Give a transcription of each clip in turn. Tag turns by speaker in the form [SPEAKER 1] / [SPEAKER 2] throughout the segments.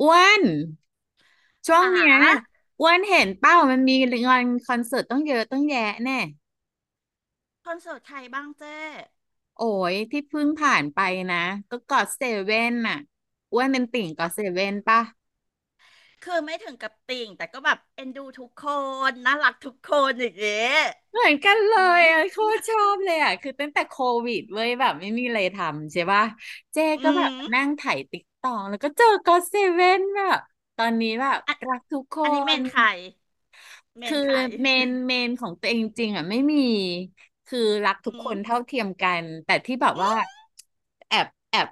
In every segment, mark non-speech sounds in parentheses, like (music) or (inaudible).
[SPEAKER 1] อ้วนช่วง
[SPEAKER 2] หา
[SPEAKER 1] เนี้ยอ้วนเห็นเป้ามันมีงานคอนเสิร์ตต้องเยอะต้องแยะแน่
[SPEAKER 2] คอนเสิร์ตใครบ้างเจ้
[SPEAKER 1] โอ้ยที่เพิ่งผ่านไปนะก็กอดเซเว่นน่ะอ้วนเป็นติ่งกอดเซเว่นป่ะ
[SPEAKER 2] คือไม่ถึงกับติ่งแต่ก็แบบเอ็นดูทุกคนน่ารักทุกคนอย่างเงี้ย
[SPEAKER 1] เหมือนกันเล
[SPEAKER 2] อื
[SPEAKER 1] ยอ่ะโค
[SPEAKER 2] ม
[SPEAKER 1] ตรชอบเลยอ่ะคือตั้งแต่โควิดเว้ยแบบไม่มีอะไรทำใช่ป่ะเจก็
[SPEAKER 2] อื
[SPEAKER 1] แบบ
[SPEAKER 2] ม
[SPEAKER 1] นั่งไถ่ายติ๊กตองแล้วก็เจอกอดเซเว่นแบบตอนนี้แบบ
[SPEAKER 2] อัน
[SPEAKER 1] รักทุกค
[SPEAKER 2] อันนี้เม
[SPEAKER 1] น
[SPEAKER 2] นใครเม
[SPEAKER 1] คื
[SPEAKER 2] น
[SPEAKER 1] อ
[SPEAKER 2] ใคร
[SPEAKER 1] เมนของตัวเองจริงๆอ่ะไม่มีคือรักทุ
[SPEAKER 2] อื
[SPEAKER 1] กค
[SPEAKER 2] ม
[SPEAKER 1] นเท่าเทียมกันแต่ที่แบบ
[SPEAKER 2] อื
[SPEAKER 1] ว่า
[SPEAKER 2] ม
[SPEAKER 1] แอบแอบ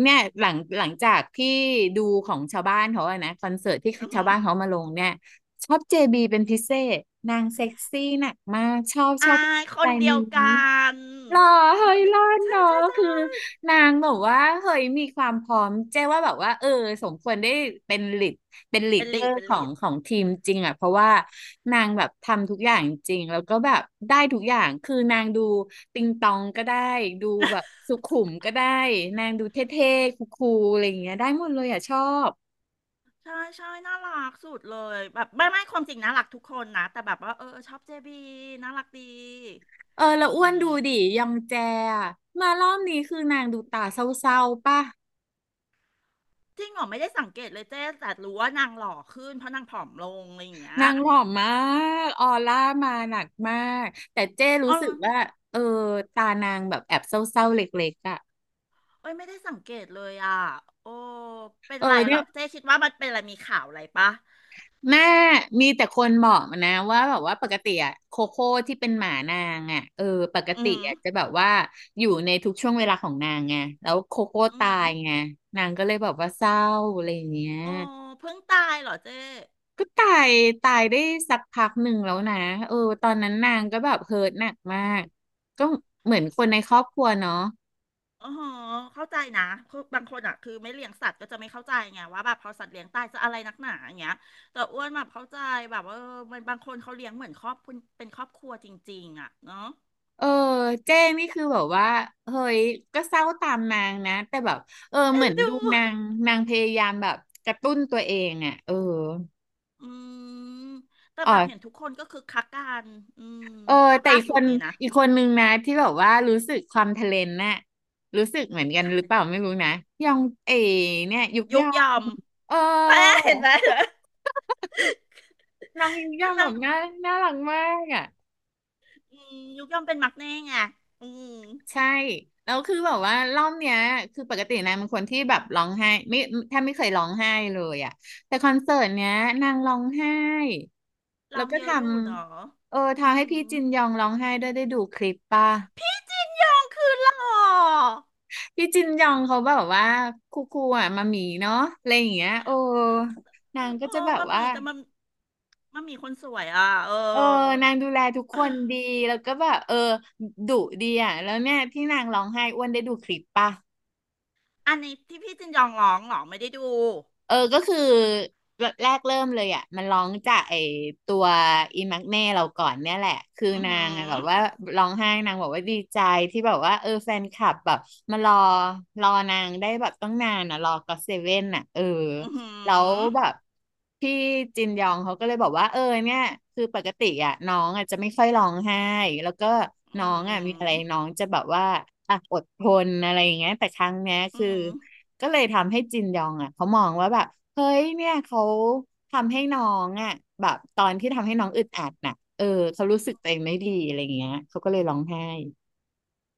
[SPEAKER 1] เนี่ยหลังจากที่ดูของชาวบ้านเขาอะนะคอนเสิร์ตที่
[SPEAKER 2] อื
[SPEAKER 1] ชาว
[SPEAKER 2] ม
[SPEAKER 1] บ้านเขามาลงเนี่ยชอบเจบีเป็นพิเศษนางเซ็กซี่หนักมากชอบ
[SPEAKER 2] อา
[SPEAKER 1] ชอบส
[SPEAKER 2] ค
[SPEAKER 1] ไต
[SPEAKER 2] น
[SPEAKER 1] ล์
[SPEAKER 2] เดีย
[SPEAKER 1] นี้
[SPEAKER 2] วกัน
[SPEAKER 1] หรอเฮ้
[SPEAKER 2] ค
[SPEAKER 1] ย
[SPEAKER 2] นเดี
[SPEAKER 1] ร
[SPEAKER 2] ยว
[SPEAKER 1] อ
[SPEAKER 2] กัน
[SPEAKER 1] ด
[SPEAKER 2] ใช่
[SPEAKER 1] เนาะ
[SPEAKER 2] ใช่ใช่
[SPEAKER 1] คือนางบอกว่าเฮ้ยมีความพร้อมเจ๊ว่าแบบว่าเออสมควรได้เป็นลีดเป็นลีด
[SPEAKER 2] เป็น
[SPEAKER 1] เดอ
[SPEAKER 2] ลีด
[SPEAKER 1] ร์
[SPEAKER 2] เป็น
[SPEAKER 1] ขอ
[SPEAKER 2] ลี
[SPEAKER 1] ง
[SPEAKER 2] ด
[SPEAKER 1] ของทีมจริงอ่ะเพราะว่านางแบบทำทุกอย่างจริงแล้วก็แบบได้ทุกอย่างคือนางดูติงตองก็ได้ดูแบบสุขุมก็ได้นางดูเท่ๆคูลๆอะไรอย่างเงี้ยได้หมดเลยอ่ะชอบ
[SPEAKER 2] ใช่ใช่น่ารักสุดเลยแบบไม่ความจริงน่ารักทุกคนนะแต่แบบว่าเออชอบเจบีน่ารักดี
[SPEAKER 1] เออแล้ว
[SPEAKER 2] อ
[SPEAKER 1] อ้ว
[SPEAKER 2] ย่า
[SPEAKER 1] น
[SPEAKER 2] ง
[SPEAKER 1] ดู
[SPEAKER 2] งี้
[SPEAKER 1] ดิยองแจอะมารอบนี้คือนางดูตาเศร้าๆป่ะ
[SPEAKER 2] จริงเหรอไม่ได้สังเกตเลยเจ๊แต่รู้ว่านางหล่อขึ้นเพราะนางผอมลงอะไรอย่างเงี้
[SPEAKER 1] นา
[SPEAKER 2] ย
[SPEAKER 1] งหลอมมากออร่ามาหนักมากแต่เจ้รู้
[SPEAKER 2] อ๋อ
[SPEAKER 1] สึกว่าเออตานางแบบแอบเศร้าๆเล็กๆอ่ะ
[SPEAKER 2] เอ้ยไม่ได้สังเกตเลยอ่ะโอ้เป็น
[SPEAKER 1] เออ
[SPEAKER 2] ไรเหร
[SPEAKER 1] เนี่ย
[SPEAKER 2] อเจ๊คิดว่ามันเป็นอะไรมีข่าวอะไรปะ
[SPEAKER 1] แม่มีแต่คนบอกมานะว่าแบบว่าปกติอะโคโค่ที่เป็นหมานางอ่ะเออปก
[SPEAKER 2] อื
[SPEAKER 1] ติ
[SPEAKER 2] ม
[SPEAKER 1] อะจะแบบว่าอยู่ในทุกช่วงเวลาของนางไงแล้วโคโค่
[SPEAKER 2] อื
[SPEAKER 1] ตา
[SPEAKER 2] ม
[SPEAKER 1] ยไงนางก็เลยแบบว่าเศร้าอะไรอย่างเงี้ย
[SPEAKER 2] โอ้เพิ่งตายเหรอเจ๊
[SPEAKER 1] ก็ตายได้สักพักหนึ่งแล้วนะเออตอนนั้นนางก็แบบเฮิร์ตหนักมากก็เหมือนคนในครอบครัวเนาะ
[SPEAKER 2] อ๋อเข้าใจนะคือบางคนอ่ะคือไม่เลี้ยงสัตว์ก็จะไม่เข้าใจไงว่าแบบพอสัตว์เลี้ยงตายจะอะไรนักหนาอย่างเงี้ยแต่อ้วนแบบเข้าใจแบบว่าเออมันบางคนเขาเลี้ยงเหมือนครอบครัวเป็นครอบครัวจริงๆอ่ะเนาะ
[SPEAKER 1] เออเจ้นี่คือแบบว่าเฮ้ยก็เศร้าตามนางนะแต่แบบเออ
[SPEAKER 2] เอ็
[SPEAKER 1] เหมื
[SPEAKER 2] น
[SPEAKER 1] อน
[SPEAKER 2] ดู
[SPEAKER 1] ดูนางนางพยายามแบบกระตุ้นตัวเองอ่ะเออ
[SPEAKER 2] อืมแต่
[SPEAKER 1] อ๋
[SPEAKER 2] แบบเห็น
[SPEAKER 1] อ
[SPEAKER 2] ทุกคนก็คือคักกันอืม
[SPEAKER 1] เออ
[SPEAKER 2] รอบ
[SPEAKER 1] แต่
[SPEAKER 2] ล่า
[SPEAKER 1] อีก
[SPEAKER 2] สุ
[SPEAKER 1] ค
[SPEAKER 2] ด
[SPEAKER 1] น
[SPEAKER 2] นี่นะ
[SPEAKER 1] อีกคนนึงนะที่แบบว่ารู้สึกความทะเลนน่ะรู้สึกเหมือนกันหรือเปล่า
[SPEAKER 2] ค่ะ
[SPEAKER 1] ไม่รู้นะยองเอเนี่ยยุกย
[SPEAKER 2] ยุ
[SPEAKER 1] อ
[SPEAKER 2] กยอ
[SPEAKER 1] ง
[SPEAKER 2] ม
[SPEAKER 1] เออ
[SPEAKER 2] แม่เห็นไหมเหรอ
[SPEAKER 1] น้องยุกย
[SPEAKER 2] นั่
[SPEAKER 1] อ
[SPEAKER 2] ง
[SPEAKER 1] งแบ
[SPEAKER 2] นั่ง
[SPEAKER 1] บน่ารักมากอ่ะ
[SPEAKER 2] อืมยุกยอมเป็นมักแน่ไงอืม
[SPEAKER 1] ใช่แล้วคือแบบว่ารอบเนี้ยคือปกตินางเป็นคนที่แบบร้องไห้ไม่แทบไม่เคยร้องไห้เลยอ่ะแต่คอนเสิร์ตเนี้ยนางร้องไห้
[SPEAKER 2] ล
[SPEAKER 1] แล้
[SPEAKER 2] อ
[SPEAKER 1] ว
[SPEAKER 2] ง
[SPEAKER 1] ก็
[SPEAKER 2] เย
[SPEAKER 1] ท
[SPEAKER 2] อะอยู่เนาะ
[SPEAKER 1] ำเออ
[SPEAKER 2] อื
[SPEAKER 1] ทำให้พี่
[SPEAKER 2] ม
[SPEAKER 1] จินยองร้องไห้ด้วยได้ดูคลิปป่ะ
[SPEAKER 2] พี่จินยองคือหล่อ
[SPEAKER 1] พี่จินยองเขาแบบว่าคูคูอ่ะมามีเนาะอะไรอย่างเงี้ยโอ้นางก็
[SPEAKER 2] โอ้
[SPEAKER 1] จะแบบ
[SPEAKER 2] มันมี
[SPEAKER 1] ว่า
[SPEAKER 2] แต่มันมีคนสวยอ่ะเอ
[SPEAKER 1] เออ
[SPEAKER 2] อ
[SPEAKER 1] นางดูแลทุกคนดีแล้วก็แบบเออดุดีอ่ะแล้วเนี่ยที่นางร้องไห้อ้วนได้ดูคลิปป่ะ
[SPEAKER 2] อันนี้ที่พี่จินยองร้องเหรอไม่ได้ดู
[SPEAKER 1] เออก็คือแรกเริ่มเลยอ่ะมันร้องจากไอตัวอีมักเน่เราก่อนเนี่ยแหละคือ
[SPEAKER 2] อือ
[SPEAKER 1] นา
[SPEAKER 2] หื
[SPEAKER 1] งอะแบ
[SPEAKER 2] อ
[SPEAKER 1] บว่าร้องไห้นางบอกว่าดีใจที่แบบว่าเออแฟนคลับแบบมารอนางได้แบบต้องนานอ่ะรอก็อเซเว่นอ่ะเออ
[SPEAKER 2] อือหื
[SPEAKER 1] แล้ว
[SPEAKER 2] อ
[SPEAKER 1] แบบพี่จินยองเขาก็เลยบอกว่าเออเนี่ยคือปกติอ่ะน้องอ่ะจะไม่ค่อยร้องไห้แล้วก็น้
[SPEAKER 2] อื
[SPEAKER 1] อ
[SPEAKER 2] อ
[SPEAKER 1] ง
[SPEAKER 2] หื
[SPEAKER 1] อ่ะมีอะไร
[SPEAKER 2] อ
[SPEAKER 1] น้องจะแบบว่าอ่ะอดทนอะไรอย่างเงี้ยแต่ครั้งเนี้ยคื
[SPEAKER 2] อื
[SPEAKER 1] อ
[SPEAKER 2] ม
[SPEAKER 1] ก็เลยทำให้จินยองอ่ะเขามองว่าแบบเฮ้ยเนี่ยเขาทำให้น้องอ่ะแบบตอนที่ทำให้น้องอึดอัดน่ะเออเขารู้สึกตัวเองไม่ดีอะไรอย่างเงี้ยเขาก็เลยร้องไห้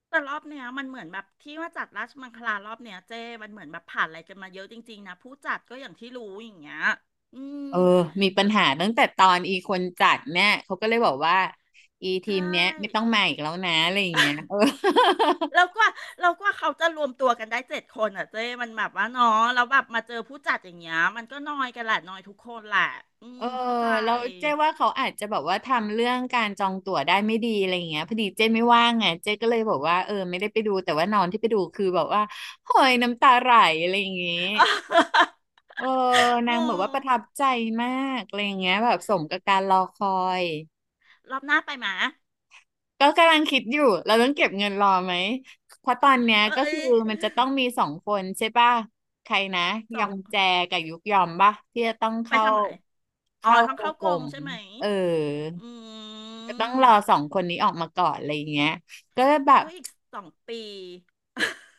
[SPEAKER 2] แต่รอบเนี้ยมันเหมือนแบบที่ว่าจัดราชมังคลารอบเนี้ยเจ้มันเหมือนแบบผ่านอะไรกันมาเยอะจริงๆนะผู้จัดก็อย่างที่รู้อย่างเงี้ยอืม
[SPEAKER 1] เออมีปั
[SPEAKER 2] ก็
[SPEAKER 1] ญหาตั้งแต่ตอนอีคนจัดเนี่ยเขาก็เลยบอกว่าอีที
[SPEAKER 2] ใช่
[SPEAKER 1] มเนี้ยไม่ต้องมาอีกแล้วนะอะไรอย่างเงี้ยเออ
[SPEAKER 2] แล้วกว่าแล้วกว่าเขาจะรวมตัวกันได้เจ็ดคนอ่ะเจ้มันแบบว่าเนาะแล้วแบบมาเจอผู้จัดอย่างเงี้ยมันก็น้อยกันแหละน้อยทุกคนแหละอื
[SPEAKER 1] เอ
[SPEAKER 2] ม
[SPEAKER 1] อ
[SPEAKER 2] เข้าใจ
[SPEAKER 1] แล้วเจ๊ว่าเขาอาจจะแบบว่าทำเรื่องการจองตั๋วได้ไม่ดีอะไรอย่างเงี้ยพอดีเจ๊ไม่ว่างไงเจ๊ก็เลยบอกว่าเออไม่ได้ไปดูแต่ว่าน้องที่ไปดูคือแบบว่าโหยน้ำตาไหลอะไรอย่างเงี้ย
[SPEAKER 2] (laughs)
[SPEAKER 1] เออ
[SPEAKER 2] โอ้
[SPEAKER 1] นางบอกว่าประทับใจมากอะไรอย่างเงี้ยแบบสมกับการรอคอย
[SPEAKER 2] รอบหน้าไปหมา
[SPEAKER 1] ก็กำลังคิดอยู่ เราต้องเก็บเงินรอไหมเพราะตอนเนี้ย
[SPEAKER 2] เอ้
[SPEAKER 1] ก็
[SPEAKER 2] ย
[SPEAKER 1] คือมันจะต้องมีสองคนใช่ป่ะใครนะ
[SPEAKER 2] ส
[SPEAKER 1] ย
[SPEAKER 2] อ
[SPEAKER 1] อ
[SPEAKER 2] ง
[SPEAKER 1] งแจกับยุกยอมป่ะที่จะต้อง
[SPEAKER 2] ไป
[SPEAKER 1] เข้า
[SPEAKER 2] ทำอะไรอ๋อ
[SPEAKER 1] เข้า
[SPEAKER 2] ท้องเข้า
[SPEAKER 1] ก
[SPEAKER 2] กร
[SPEAKER 1] ลุ่
[SPEAKER 2] ม
[SPEAKER 1] ม
[SPEAKER 2] ใช่ไหม
[SPEAKER 1] เออ
[SPEAKER 2] อื
[SPEAKER 1] ก็ต้องรอสอ
[SPEAKER 2] ม
[SPEAKER 1] งคนนี้ออกมาก่อนอะไรอย่างเงี้ยก็แบบ
[SPEAKER 2] ก็อีก2 ปี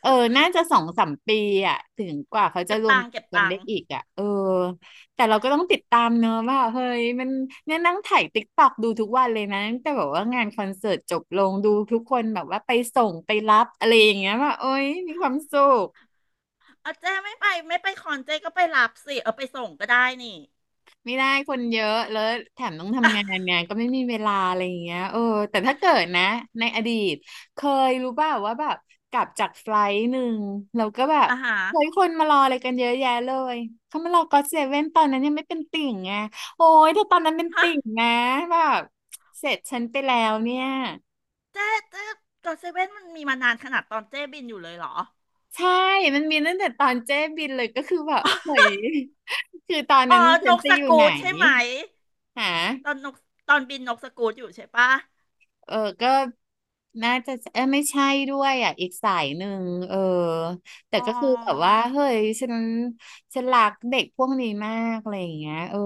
[SPEAKER 1] เออ น่าจะ2-3 ปีอ่ะถึงกว่าเขาจะ
[SPEAKER 2] เก็บ
[SPEAKER 1] รวม
[SPEAKER 2] ตังค์เก็บ
[SPEAKER 1] กัน
[SPEAKER 2] ตั
[SPEAKER 1] ได้
[SPEAKER 2] งค์
[SPEAKER 1] อีกอ่ะเออแต่เราก็ต้องติดตามเนอะว่าเฮ้ยมันเนี่ยนั่งถ่ายติ๊กตอกดูทุกวันเลยนะตั้งแต่แบบว่างานคอนเสิร์ตจบลงดูทุกคนแบบว่าไปส่งไปรับอะไรอย่างเงี้ยว่าโอ๊ยมีความสุข
[SPEAKER 2] เอาเจ้ไม่ไปไม่ไปคอนเจ้ก็ไปรับสิเอาไปส่งก็ได้นี่
[SPEAKER 1] ไม่ได้คนเยอะแล้วแถมต้อง
[SPEAKER 2] (laughs) อ่ะ
[SPEAKER 1] ทำงานไงก็ไม่มีเวลาอะไรอย่างเงี้ยเออแต่ถ้าเกิดนะในอดีตเคยรู้ป่าวว่าแบบกลับจากไฟลท์หนึ่งเราก็แบบ
[SPEAKER 2] อ่าฮะ
[SPEAKER 1] เฮ้ยคนมารออะไรกันเยอะแยะเลยเขามารอก็อตเซเว่นตอนนั้นยังไม่เป็นติ่งไงโอ้ยแต่ตอนนั้นเป็น
[SPEAKER 2] ฮะ
[SPEAKER 1] ติ่งนะแบบเสร็จฉันไปแล้วเนี่ย
[SPEAKER 2] เจ้เจ้ก็เซเว่นมันมีมานานขนาดตอนเจ้บินอยู่เลยเหรอ
[SPEAKER 1] ใช่มันมีตั้งแต่ตอนเจ๊บินเลยก็คือแบบเฮ้
[SPEAKER 2] (laughs)
[SPEAKER 1] ยคือตอน
[SPEAKER 2] อ๋อ
[SPEAKER 1] นั้นฉั
[SPEAKER 2] น
[SPEAKER 1] น
[SPEAKER 2] ก
[SPEAKER 1] จะ
[SPEAKER 2] ส
[SPEAKER 1] อยู่ไห
[SPEAKER 2] กู
[SPEAKER 1] น
[SPEAKER 2] ตใช่ไหม
[SPEAKER 1] หา
[SPEAKER 2] ตอนนกตอนบินนกสกูตอยู่ใช่ปะ
[SPEAKER 1] เออก็น่าจะไม่ใช่ด้วยอ่ะอีกสายหนึ่งเออแต่
[SPEAKER 2] อ๋อ
[SPEAKER 1] ก็คือแบบว่าเฮ้ยฉันรักเด็กพวกนี้มากอะไรอย่างเงี้ยเออ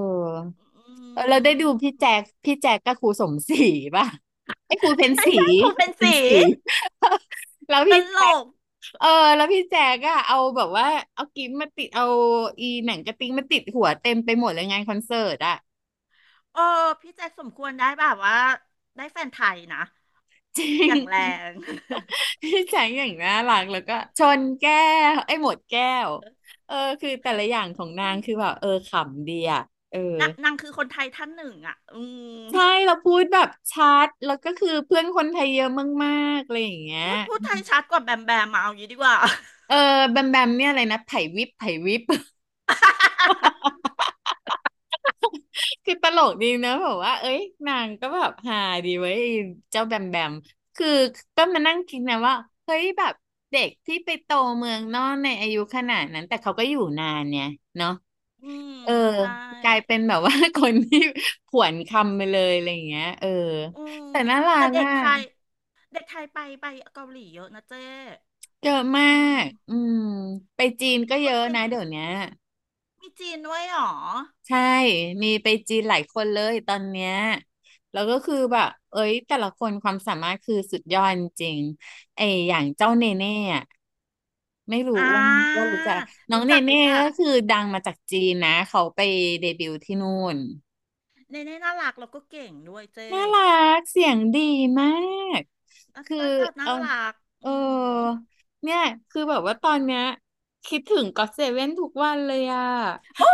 [SPEAKER 2] อื
[SPEAKER 1] เออเราได้ดูพี่แจ๊
[SPEAKER 2] ม
[SPEAKER 1] คพี่แจ๊คกับครูสมศรีป่ะไอ้ครูเพ็ญศ
[SPEAKER 2] ไม่
[SPEAKER 1] รี
[SPEAKER 2] ใช่ครู
[SPEAKER 1] ครู
[SPEAKER 2] เป็น
[SPEAKER 1] เพ็ญ
[SPEAKER 2] สี
[SPEAKER 1] ศรี (laughs) แล้ว
[SPEAKER 2] ต
[SPEAKER 1] พี่
[SPEAKER 2] ล
[SPEAKER 1] แจ๊ค
[SPEAKER 2] ก
[SPEAKER 1] เออแล้วพี่แจ๊กอะเอาแบบว่าเอากิ๊บมาติดเอาอีหนังกระติ๊งมาติดหัวเต็มไปหมดเลยงานคอนเสิร์ตอะ
[SPEAKER 2] เออพี่แจ็คสมควรได้แบบว่าได้แฟนไทยนะ
[SPEAKER 1] (laughs) จริ
[SPEAKER 2] อย่างแรง
[SPEAKER 1] ง พี่แจงอย่างน่ารักแล้วก็ชนแก้วไอ้ยหมดแก้วเออคือแต่ละอย่างของนางคือแบบเออขำดีอ่ะเออ
[SPEAKER 2] นะนางคือคนไทยท่านหนึ่งอ่ะอืม
[SPEAKER 1] ใช่เราพูดแบบชัดแล้วก็คือเพื่อนคนไทยเยอะมากๆอะไรอย่างเงี้ย
[SPEAKER 2] พูดไทยชัดกว่าแบมแบมมาเอาอย่างนี้ดีกว่า
[SPEAKER 1] เออแบมแบมเนี่ยอะไรนะไผ่วิบไผ่วิบ (laughs) คือตลกดีนะแบบว่าเอ้ยนางก็แบบฮาดีเว้ยไอ้เจ้าแบมแบมคือก็มานั่งคิดนะว่าเฮ้ยแบบเด็กที่ไปโตเมืองนอกในอายุขนาดนั้นแต่เขาก็อยู่นานเนี่ยเนาะ
[SPEAKER 2] (laughs) อืม
[SPEAKER 1] เออ
[SPEAKER 2] ใช่
[SPEAKER 1] กลายเป็นแบบว่า (laughs) คนที่ผวนคำไปเลยอะไรอย่างเงี้ยเออ
[SPEAKER 2] อืม
[SPEAKER 1] แต่น่ารั
[SPEAKER 2] แต่
[SPEAKER 1] ก
[SPEAKER 2] เด็ก
[SPEAKER 1] อ่ะ
[SPEAKER 2] ไทยเด็กไทยไปเกาหลีเยอะนะเจ้
[SPEAKER 1] เยอะมา
[SPEAKER 2] อืม
[SPEAKER 1] กอืมไปจีนก็
[SPEAKER 2] เขา
[SPEAKER 1] เย
[SPEAKER 2] ก็
[SPEAKER 1] อะ
[SPEAKER 2] เก่ง
[SPEAKER 1] นะเดี๋
[SPEAKER 2] อ่ะ
[SPEAKER 1] ยวเนี้ย
[SPEAKER 2] มีจีนด้วยเหรอ
[SPEAKER 1] ใช่มีไปจีนหลายคนเลยตอนเนี้ยแล้วก็คือแบบเอ้ยแต่ละคนความสามารถคือสุดยอดจริงๆไออย่างเจ้า
[SPEAKER 2] อื
[SPEAKER 1] เน
[SPEAKER 2] ม
[SPEAKER 1] เน่อะไม่รู้
[SPEAKER 2] อ่
[SPEAKER 1] ว่า
[SPEAKER 2] า
[SPEAKER 1] รู้จักน้อง
[SPEAKER 2] รู้
[SPEAKER 1] เน
[SPEAKER 2] จัก
[SPEAKER 1] เน่
[SPEAKER 2] รู้จัก
[SPEAKER 1] ก็คือดังมาจากจีนนะเขาไปเดบิวต์ที่นู่น
[SPEAKER 2] เนเน่น่ารักแล้วก็เก่งด้วยเจ้
[SPEAKER 1] น่ารักเสียงดีมาก
[SPEAKER 2] หน้า
[SPEAKER 1] คือ
[SPEAKER 2] ตาตา
[SPEAKER 1] เอ
[SPEAKER 2] น่า
[SPEAKER 1] อ
[SPEAKER 2] รัก
[SPEAKER 1] เออ
[SPEAKER 2] อืม
[SPEAKER 1] เนี่ยคือแบบว่าตอนเนี้ยคิดถึงก็อตเซเว่นทุกวันเลยอะ
[SPEAKER 2] โอ้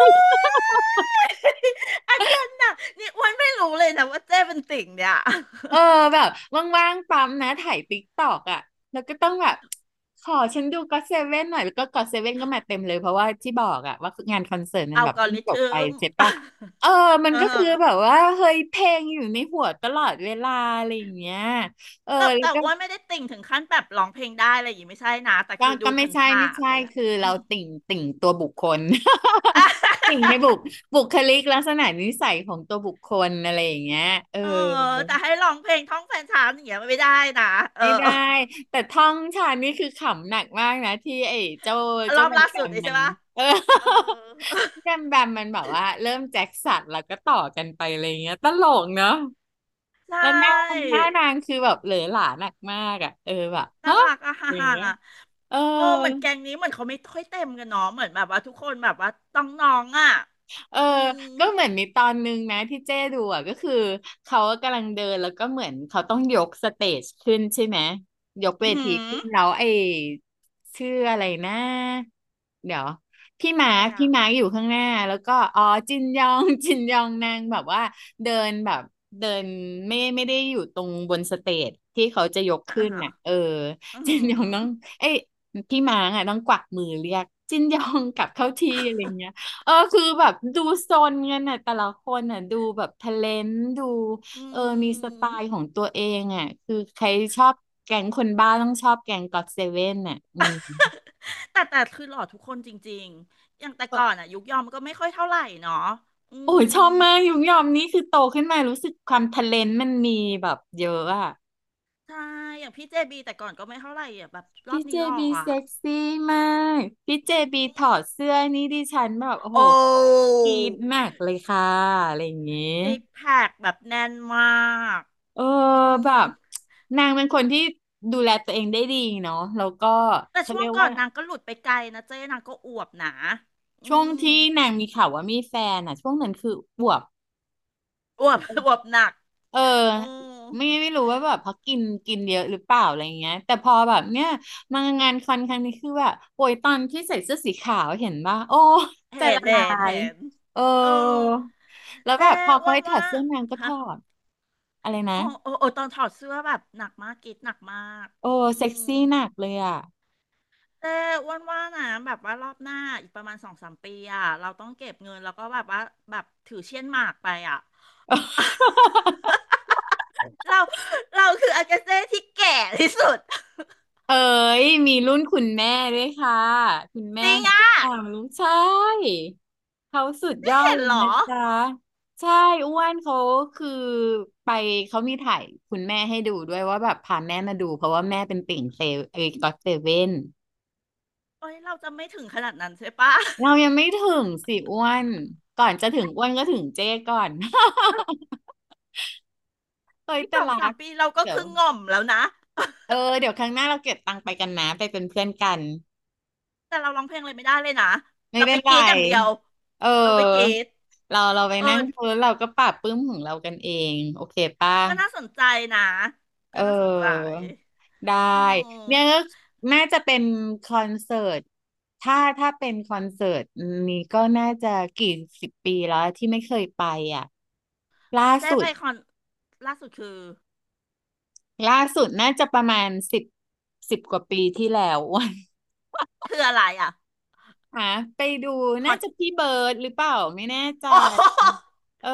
[SPEAKER 2] ย (laughs) อาการหนักนี่อ้วนไม่รู้เลยนะว่าเจ้เป็นติ่งเนี่ย
[SPEAKER 1] เออแบบว่างๆปั๊มนะถ่ายติ๊กตอกอะแล้วก็ต้องแบบขอฉันดูก็อตเซเว่นหน่อยแล้วก็ก็อตเซเว่นก็มาเต็มเลยเพราะว่าที่บอกอะว่างานคอนเสิร์ตมัน
[SPEAKER 2] อั
[SPEAKER 1] แบ
[SPEAKER 2] ล
[SPEAKER 1] บ
[SPEAKER 2] ก (laughs) อ
[SPEAKER 1] เพิ่ง
[SPEAKER 2] ริ
[SPEAKER 1] จบ
[SPEAKER 2] ทึ
[SPEAKER 1] ไป
[SPEAKER 2] ม
[SPEAKER 1] ใช่ปะเออมั
[SPEAKER 2] (laughs)
[SPEAKER 1] น
[SPEAKER 2] อ่า
[SPEAKER 1] ก็
[SPEAKER 2] ฮะ
[SPEAKER 1] คือแบบว่าเฮ้ยเพลงอยู่ในหัวตลอดเวลาอะไรอย่างเงี้ยเออ
[SPEAKER 2] แต่
[SPEAKER 1] แล้
[SPEAKER 2] แต่
[SPEAKER 1] วก็
[SPEAKER 2] อ้วนไม่ได้ติ่งถึงขั้นแบบร้องเพลงได้อะไรอย่างงี้ไม่ใช่นะแต่
[SPEAKER 1] ก็
[SPEAKER 2] คือดูผ
[SPEAKER 1] ไม่ใช่
[SPEAKER 2] ่า
[SPEAKER 1] ไม่
[SPEAKER 2] นๆอะ
[SPEAKER 1] ใช่
[SPEAKER 2] ไรอย่างเลย
[SPEAKER 1] คือ
[SPEAKER 2] อื
[SPEAKER 1] เรา
[SPEAKER 2] ม
[SPEAKER 1] ติ่งตัวบุคคล
[SPEAKER 2] ่ะ
[SPEAKER 1] (laughs)
[SPEAKER 2] (laughs)
[SPEAKER 1] ติ่งในบุคลิกลักษณะนิสัยของตัวบุคคลอะไรอย่างเงี้ยเออ
[SPEAKER 2] เออแต่ให้ร้องเพลงท่องแฟนฉันอย่างเงี้ยไม่ได้นะเออ
[SPEAKER 1] ไม่ได้แต่ท่องชาญนี่คือขำหนักมากนะที่ไอ้เจ้า
[SPEAKER 2] ร
[SPEAKER 1] เจ้า
[SPEAKER 2] อบ
[SPEAKER 1] แบม
[SPEAKER 2] ล่า
[SPEAKER 1] แบ
[SPEAKER 2] สุด
[SPEAKER 1] ม
[SPEAKER 2] เลย
[SPEAKER 1] มั
[SPEAKER 2] ใช่
[SPEAKER 1] น
[SPEAKER 2] ปะ
[SPEAKER 1] เออ
[SPEAKER 2] เออ (laughs)
[SPEAKER 1] (laughs) แบมแบมมันแบบว่าเริ่มแจ็คสันแล้วก็ต่อกันไปอะไรเงี้ยตลกเนาะ
[SPEAKER 2] ใช่
[SPEAKER 1] แล้วหน้านางคือแบบเหลือหลาหนักมากอ่ะเออแบบ
[SPEAKER 2] น่า
[SPEAKER 1] ฮะ
[SPEAKER 2] รักอะฮ่า
[SPEAKER 1] อย่าง
[SPEAKER 2] ฮ่า
[SPEAKER 1] เงี้ยเออ
[SPEAKER 2] โอ้เหมือนแกงนี้เหมือนเขาไม่ค่อยเต็มกันเนาะเหมือนแบบว่าทุกคนแบบว่าต้องน้องอะ
[SPEAKER 1] เออ
[SPEAKER 2] อืม
[SPEAKER 1] ก็เหมือนมีตอนนึงนะที่เจ้ดูอ่ะก็คือเขากำลังเดินแล้วก็เหมือนเขาต้องยกสเตจขึ้นใช่ไหมยก
[SPEAKER 2] อื
[SPEAKER 1] เว
[SPEAKER 2] อหื
[SPEAKER 1] ที
[SPEAKER 2] อ
[SPEAKER 1] ขึ้นแล้วไอ้ชื่ออะไรนะเดี๋ยว
[SPEAKER 2] ใครอะ
[SPEAKER 1] พี่มาร์คอยู่ข้างหน้าแล้วก็อ๋อจินยอง (laughs) จินยองนางแบบว่าเดินแบบเดินไม่ได้อยู่ตรงบนสเตจที่เขาจะยก
[SPEAKER 2] อ่า
[SPEAKER 1] ขึ้น
[SPEAKER 2] ฮะ
[SPEAKER 1] น่ะเออ
[SPEAKER 2] อือ
[SPEAKER 1] (laughs) จิ
[SPEAKER 2] หื
[SPEAKER 1] นยองต้องเอ้ยพี่มาร์คอ่ะต้องกวักมือเรียกจินยองกลับเข้าที่อะไรเงี้
[SPEAKER 2] อ
[SPEAKER 1] ย เออคือแบบดูโซนเงินน่ะแต่ละคนน่ะดูแบบทะเลนดู
[SPEAKER 2] อื
[SPEAKER 1] เออมีสไต
[SPEAKER 2] ม
[SPEAKER 1] ล์ของตัวเองอ่ะคือใครชอบแก๊งคนบ้าต้องชอบแก๊งก็อตเซเว่นน่ะอืม
[SPEAKER 2] แต่คือหล่อทุกคนจริงๆอย่างแต่
[SPEAKER 1] ก็
[SPEAKER 2] ก่อนอะยุคยอมก็ไม่ค่อยเท่าไหร่เนาะอื
[SPEAKER 1] โอ้ย
[SPEAKER 2] ม
[SPEAKER 1] ชอบมากยุงยอมนี่คือโตขึ้นมารู้สึกความทะเลนมันมีแบบเยอะอ่ะ
[SPEAKER 2] ใช่อย่างพี่เจบีแต่ก่อนก็ไม่เท่าไหร่อะแบบรอ
[SPEAKER 1] พี่
[SPEAKER 2] บ
[SPEAKER 1] เจ
[SPEAKER 2] นี้หล่อ
[SPEAKER 1] บี
[SPEAKER 2] อะ
[SPEAKER 1] เซ็กซี่มากพี่เจ
[SPEAKER 2] อื
[SPEAKER 1] บีถอ
[SPEAKER 2] ม
[SPEAKER 1] ดเสื้อนี่ดิฉันแบบโอ้โห
[SPEAKER 2] โอ้
[SPEAKER 1] กรี๊ดมากเลยค่ะอะไรอย่างงี้
[SPEAKER 2] ซิกแพคแบบแน่นมาก
[SPEAKER 1] เออ
[SPEAKER 2] อื
[SPEAKER 1] แบ
[SPEAKER 2] ม
[SPEAKER 1] บนางเป็นคนที่ดูแลตัวเองได้ดีเนาะแล้วก็
[SPEAKER 2] แต่
[SPEAKER 1] เขา
[SPEAKER 2] ช่ว
[SPEAKER 1] เรี
[SPEAKER 2] ง
[SPEAKER 1] ยก
[SPEAKER 2] ก่อ
[SPEAKER 1] ว่า
[SPEAKER 2] นนางก็หลุดไปไกลนะเจ๊นางก็อวบหนาอื
[SPEAKER 1] ช่วง
[SPEAKER 2] ม
[SPEAKER 1] ที่นางมีข่าวว่ามีแฟนอ่ะช่วงนั้นคืออวบ
[SPEAKER 2] อวบ (laughs) อวบหนัก
[SPEAKER 1] เออ
[SPEAKER 2] โอ้
[SPEAKER 1] ไม่รู้ว่าแบบเพราะกินกินเยอะหรือเปล่าอะไรเงี้ยแต่พอแบบเนี้ยมางานคอนครั้งนี้คือแบบโอ้ยตอนที่ใส่เสื้อสีขาวเห็นป่ะโอ้ใจ
[SPEAKER 2] เห็น
[SPEAKER 1] ละลา
[SPEAKER 2] เห็น
[SPEAKER 1] ย
[SPEAKER 2] เห็น
[SPEAKER 1] เออ
[SPEAKER 2] เออ
[SPEAKER 1] แล้วแบ
[SPEAKER 2] เจ๊
[SPEAKER 1] บพอ
[SPEAKER 2] อ้
[SPEAKER 1] เขา
[SPEAKER 2] วน
[SPEAKER 1] ให้ถอ
[SPEAKER 2] ว่า
[SPEAKER 1] ดเสื้อนางก็ถ
[SPEAKER 2] ฮะ
[SPEAKER 1] อดอะไรนะ
[SPEAKER 2] โอ้โอ้โอ้ตอนถอดเสื้อแบบหนักมากกรีดหนักมาก
[SPEAKER 1] โอ้
[SPEAKER 2] อื
[SPEAKER 1] เซ็ก
[SPEAKER 2] ม
[SPEAKER 1] ซี่หนักเลยอ่ะ
[SPEAKER 2] แต่อ้วนว่านะแบบว่ารอบหน้าอีกประมาณสองสามปีอ่ะเราต้องเก็บเงินแล้วก็แบบว่าแบบถือเช่นหมากไปอ่ะ
[SPEAKER 1] (laughs)
[SPEAKER 2] เราเราคืออากาเซ่ที่แก่ที่สุด
[SPEAKER 1] เอ๋ยมีรุ่นคุณแม่ด้วยค่ะคุณแม่
[SPEAKER 2] จริง
[SPEAKER 1] ของ
[SPEAKER 2] อ่ะ
[SPEAKER 1] พี่ปางรู้ใช่เขาสุดยอด
[SPEAKER 2] เห็น
[SPEAKER 1] เลย
[SPEAKER 2] เหรอ
[SPEAKER 1] นะจ๊ะใช่อ้วนเขาคือไปเขามีถ่ายคุณแม่ให้ดูด้วยว่าแบบพาแม่มาดูเพราะว่าแม่เป็นติ่งเซเวเอ้ยก็อตเซเว่น
[SPEAKER 2] เอ้ยเราจะไม่ถึงขนาดนั้นใช่ปะ
[SPEAKER 1] เรายังไม่ถึงสิอ้วนก่อนจะถึงอ้วนก็ถึงเจ้ก่อน (laughs) เอ้
[SPEAKER 2] (laughs)
[SPEAKER 1] ย
[SPEAKER 2] อีก
[SPEAKER 1] แต่
[SPEAKER 2] สอง
[SPEAKER 1] รั
[SPEAKER 2] สาม
[SPEAKER 1] ก
[SPEAKER 2] ปีเราก็
[SPEAKER 1] เดี๋ยว
[SPEAKER 2] คือง่อมแล้วนะ
[SPEAKER 1] เออเดี๋ยวครั้งหน้าเราเก็บตังค์ไปกันนะไปเป็นเพื่อนกัน
[SPEAKER 2] แต่เราร้องเพลงอะไรไม่ได้เลยนะ
[SPEAKER 1] ไม่
[SPEAKER 2] เรา
[SPEAKER 1] เป็
[SPEAKER 2] ไป
[SPEAKER 1] นไร
[SPEAKER 2] กรีดอย่างเดียว
[SPEAKER 1] เอ
[SPEAKER 2] เราไปกรี
[SPEAKER 1] อ
[SPEAKER 2] ด
[SPEAKER 1] เราเราไป
[SPEAKER 2] เออ
[SPEAKER 1] นั่งคุยแล้วเราก็ปรับปรื้มของเรากันเองโอเคป่ะ
[SPEAKER 2] ก็น่าสนใจนะ
[SPEAKER 1] เอ
[SPEAKER 2] ก็น่าสนใจ
[SPEAKER 1] อได้
[SPEAKER 2] โอ
[SPEAKER 1] เนี่
[SPEAKER 2] ้
[SPEAKER 1] ยก็น่าจะเป็นคอนเสิร์ตถ้าเป็นคอนเสิร์ตนี้ก็น่าจะกี่สิบปีแล้วที่ไม่เคยไปอ่ะล่า
[SPEAKER 2] ได้
[SPEAKER 1] สุด
[SPEAKER 2] ไปคอนล่าสุดคือ
[SPEAKER 1] ล่าสุดน่าจะประมาณสิบสิบกว่าปีที่แล้ว (laughs) อวัน
[SPEAKER 2] คืออะไรอ่ะ
[SPEAKER 1] หาไปดู
[SPEAKER 2] คอ
[SPEAKER 1] น่า
[SPEAKER 2] น
[SPEAKER 1] จะพี่เบิร์ดหรือเปล่าไม่แน่ใจ
[SPEAKER 2] โอ้
[SPEAKER 1] เอ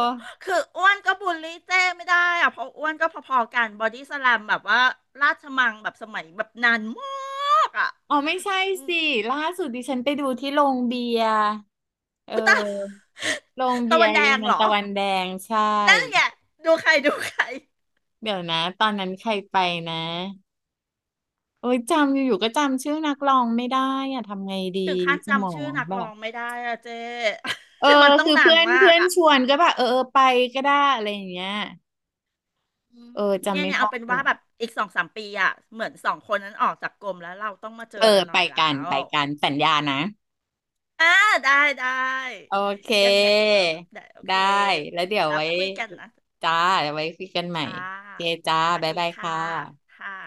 [SPEAKER 1] อ
[SPEAKER 2] (laughs) คืออ้วนก็บูลลี่เจ้ไม่ได้อ่ะเพราะอ้วนก็พอๆกันบอดี้สแลมแบบว่าราชมังแบบสมัยแบบนานมากอ่ะ
[SPEAKER 1] อ๋อไม่ใช่
[SPEAKER 2] อืม
[SPEAKER 1] สิล่าสุดดิฉันไปดูที่โรงเบียร์เออ
[SPEAKER 2] อุยตาย
[SPEAKER 1] โรง
[SPEAKER 2] (laughs)
[SPEAKER 1] เบี
[SPEAKER 2] ตะ
[SPEAKER 1] ย
[SPEAKER 2] วั
[SPEAKER 1] ร์
[SPEAKER 2] นแด
[SPEAKER 1] เยอร
[SPEAKER 2] ง
[SPEAKER 1] มั
[SPEAKER 2] เห
[SPEAKER 1] น
[SPEAKER 2] รอ
[SPEAKER 1] ตะวันแดงใช่
[SPEAKER 2] นั่นไงดูใครดูใคร
[SPEAKER 1] เดี๋ยวนะตอนนั้นใครไปนะโอ้ยจำอยู่ๆก็จำชื่อนักร้องไม่ได้อะทำไงดี
[SPEAKER 2] ถึงขั้น
[SPEAKER 1] สมอ
[SPEAKER 2] จำชื่อ
[SPEAKER 1] ง
[SPEAKER 2] นัก
[SPEAKER 1] แบ
[SPEAKER 2] ร้อ
[SPEAKER 1] บ
[SPEAKER 2] งไม่ได้อ่ะเจ้
[SPEAKER 1] เออ
[SPEAKER 2] (laughs) มันต้อง
[SPEAKER 1] คือ
[SPEAKER 2] นา
[SPEAKER 1] เพื่
[SPEAKER 2] น
[SPEAKER 1] อน
[SPEAKER 2] มา
[SPEAKER 1] เพื่
[SPEAKER 2] ก
[SPEAKER 1] อน
[SPEAKER 2] อ่ะ
[SPEAKER 1] ชวนก็แบบเออเออไปก็ได้อะไรอย่างเงี้ย
[SPEAKER 2] อืม
[SPEAKER 1] เออ
[SPEAKER 2] เนี่
[SPEAKER 1] จำ
[SPEAKER 2] ย
[SPEAKER 1] ไม่
[SPEAKER 2] เนี่ย
[SPEAKER 1] ได้
[SPEAKER 2] เอาเป็น
[SPEAKER 1] เนี่
[SPEAKER 2] ว่า
[SPEAKER 1] ย
[SPEAKER 2] แบบอีกสองสามปีอ่ะเหมือนสองคนนั้นออกจากกรมแล้วเราต้องมาเจอ
[SPEAKER 1] เออ
[SPEAKER 2] กันหน่
[SPEAKER 1] ไป
[SPEAKER 2] อยแล้
[SPEAKER 1] กัน
[SPEAKER 2] ว
[SPEAKER 1] ไปกันสัญญานะ
[SPEAKER 2] อ่าได้ได้
[SPEAKER 1] โอเค
[SPEAKER 2] ยังไงแบบได้โอเค
[SPEAKER 1] ได้ แล้วเดี๋ยว
[SPEAKER 2] แล้ว
[SPEAKER 1] ไว้
[SPEAKER 2] คุยกันนะ
[SPEAKER 1] จ้าเดี๋ยวไว้คุยกันใหม่
[SPEAKER 2] อ่
[SPEAKER 1] โอเค
[SPEAKER 2] า
[SPEAKER 1] จ้า
[SPEAKER 2] สวัส
[SPEAKER 1] บ๊าย
[SPEAKER 2] ดี
[SPEAKER 1] บาย
[SPEAKER 2] ค่ะ
[SPEAKER 1] ค่ะ
[SPEAKER 2] ค่ะ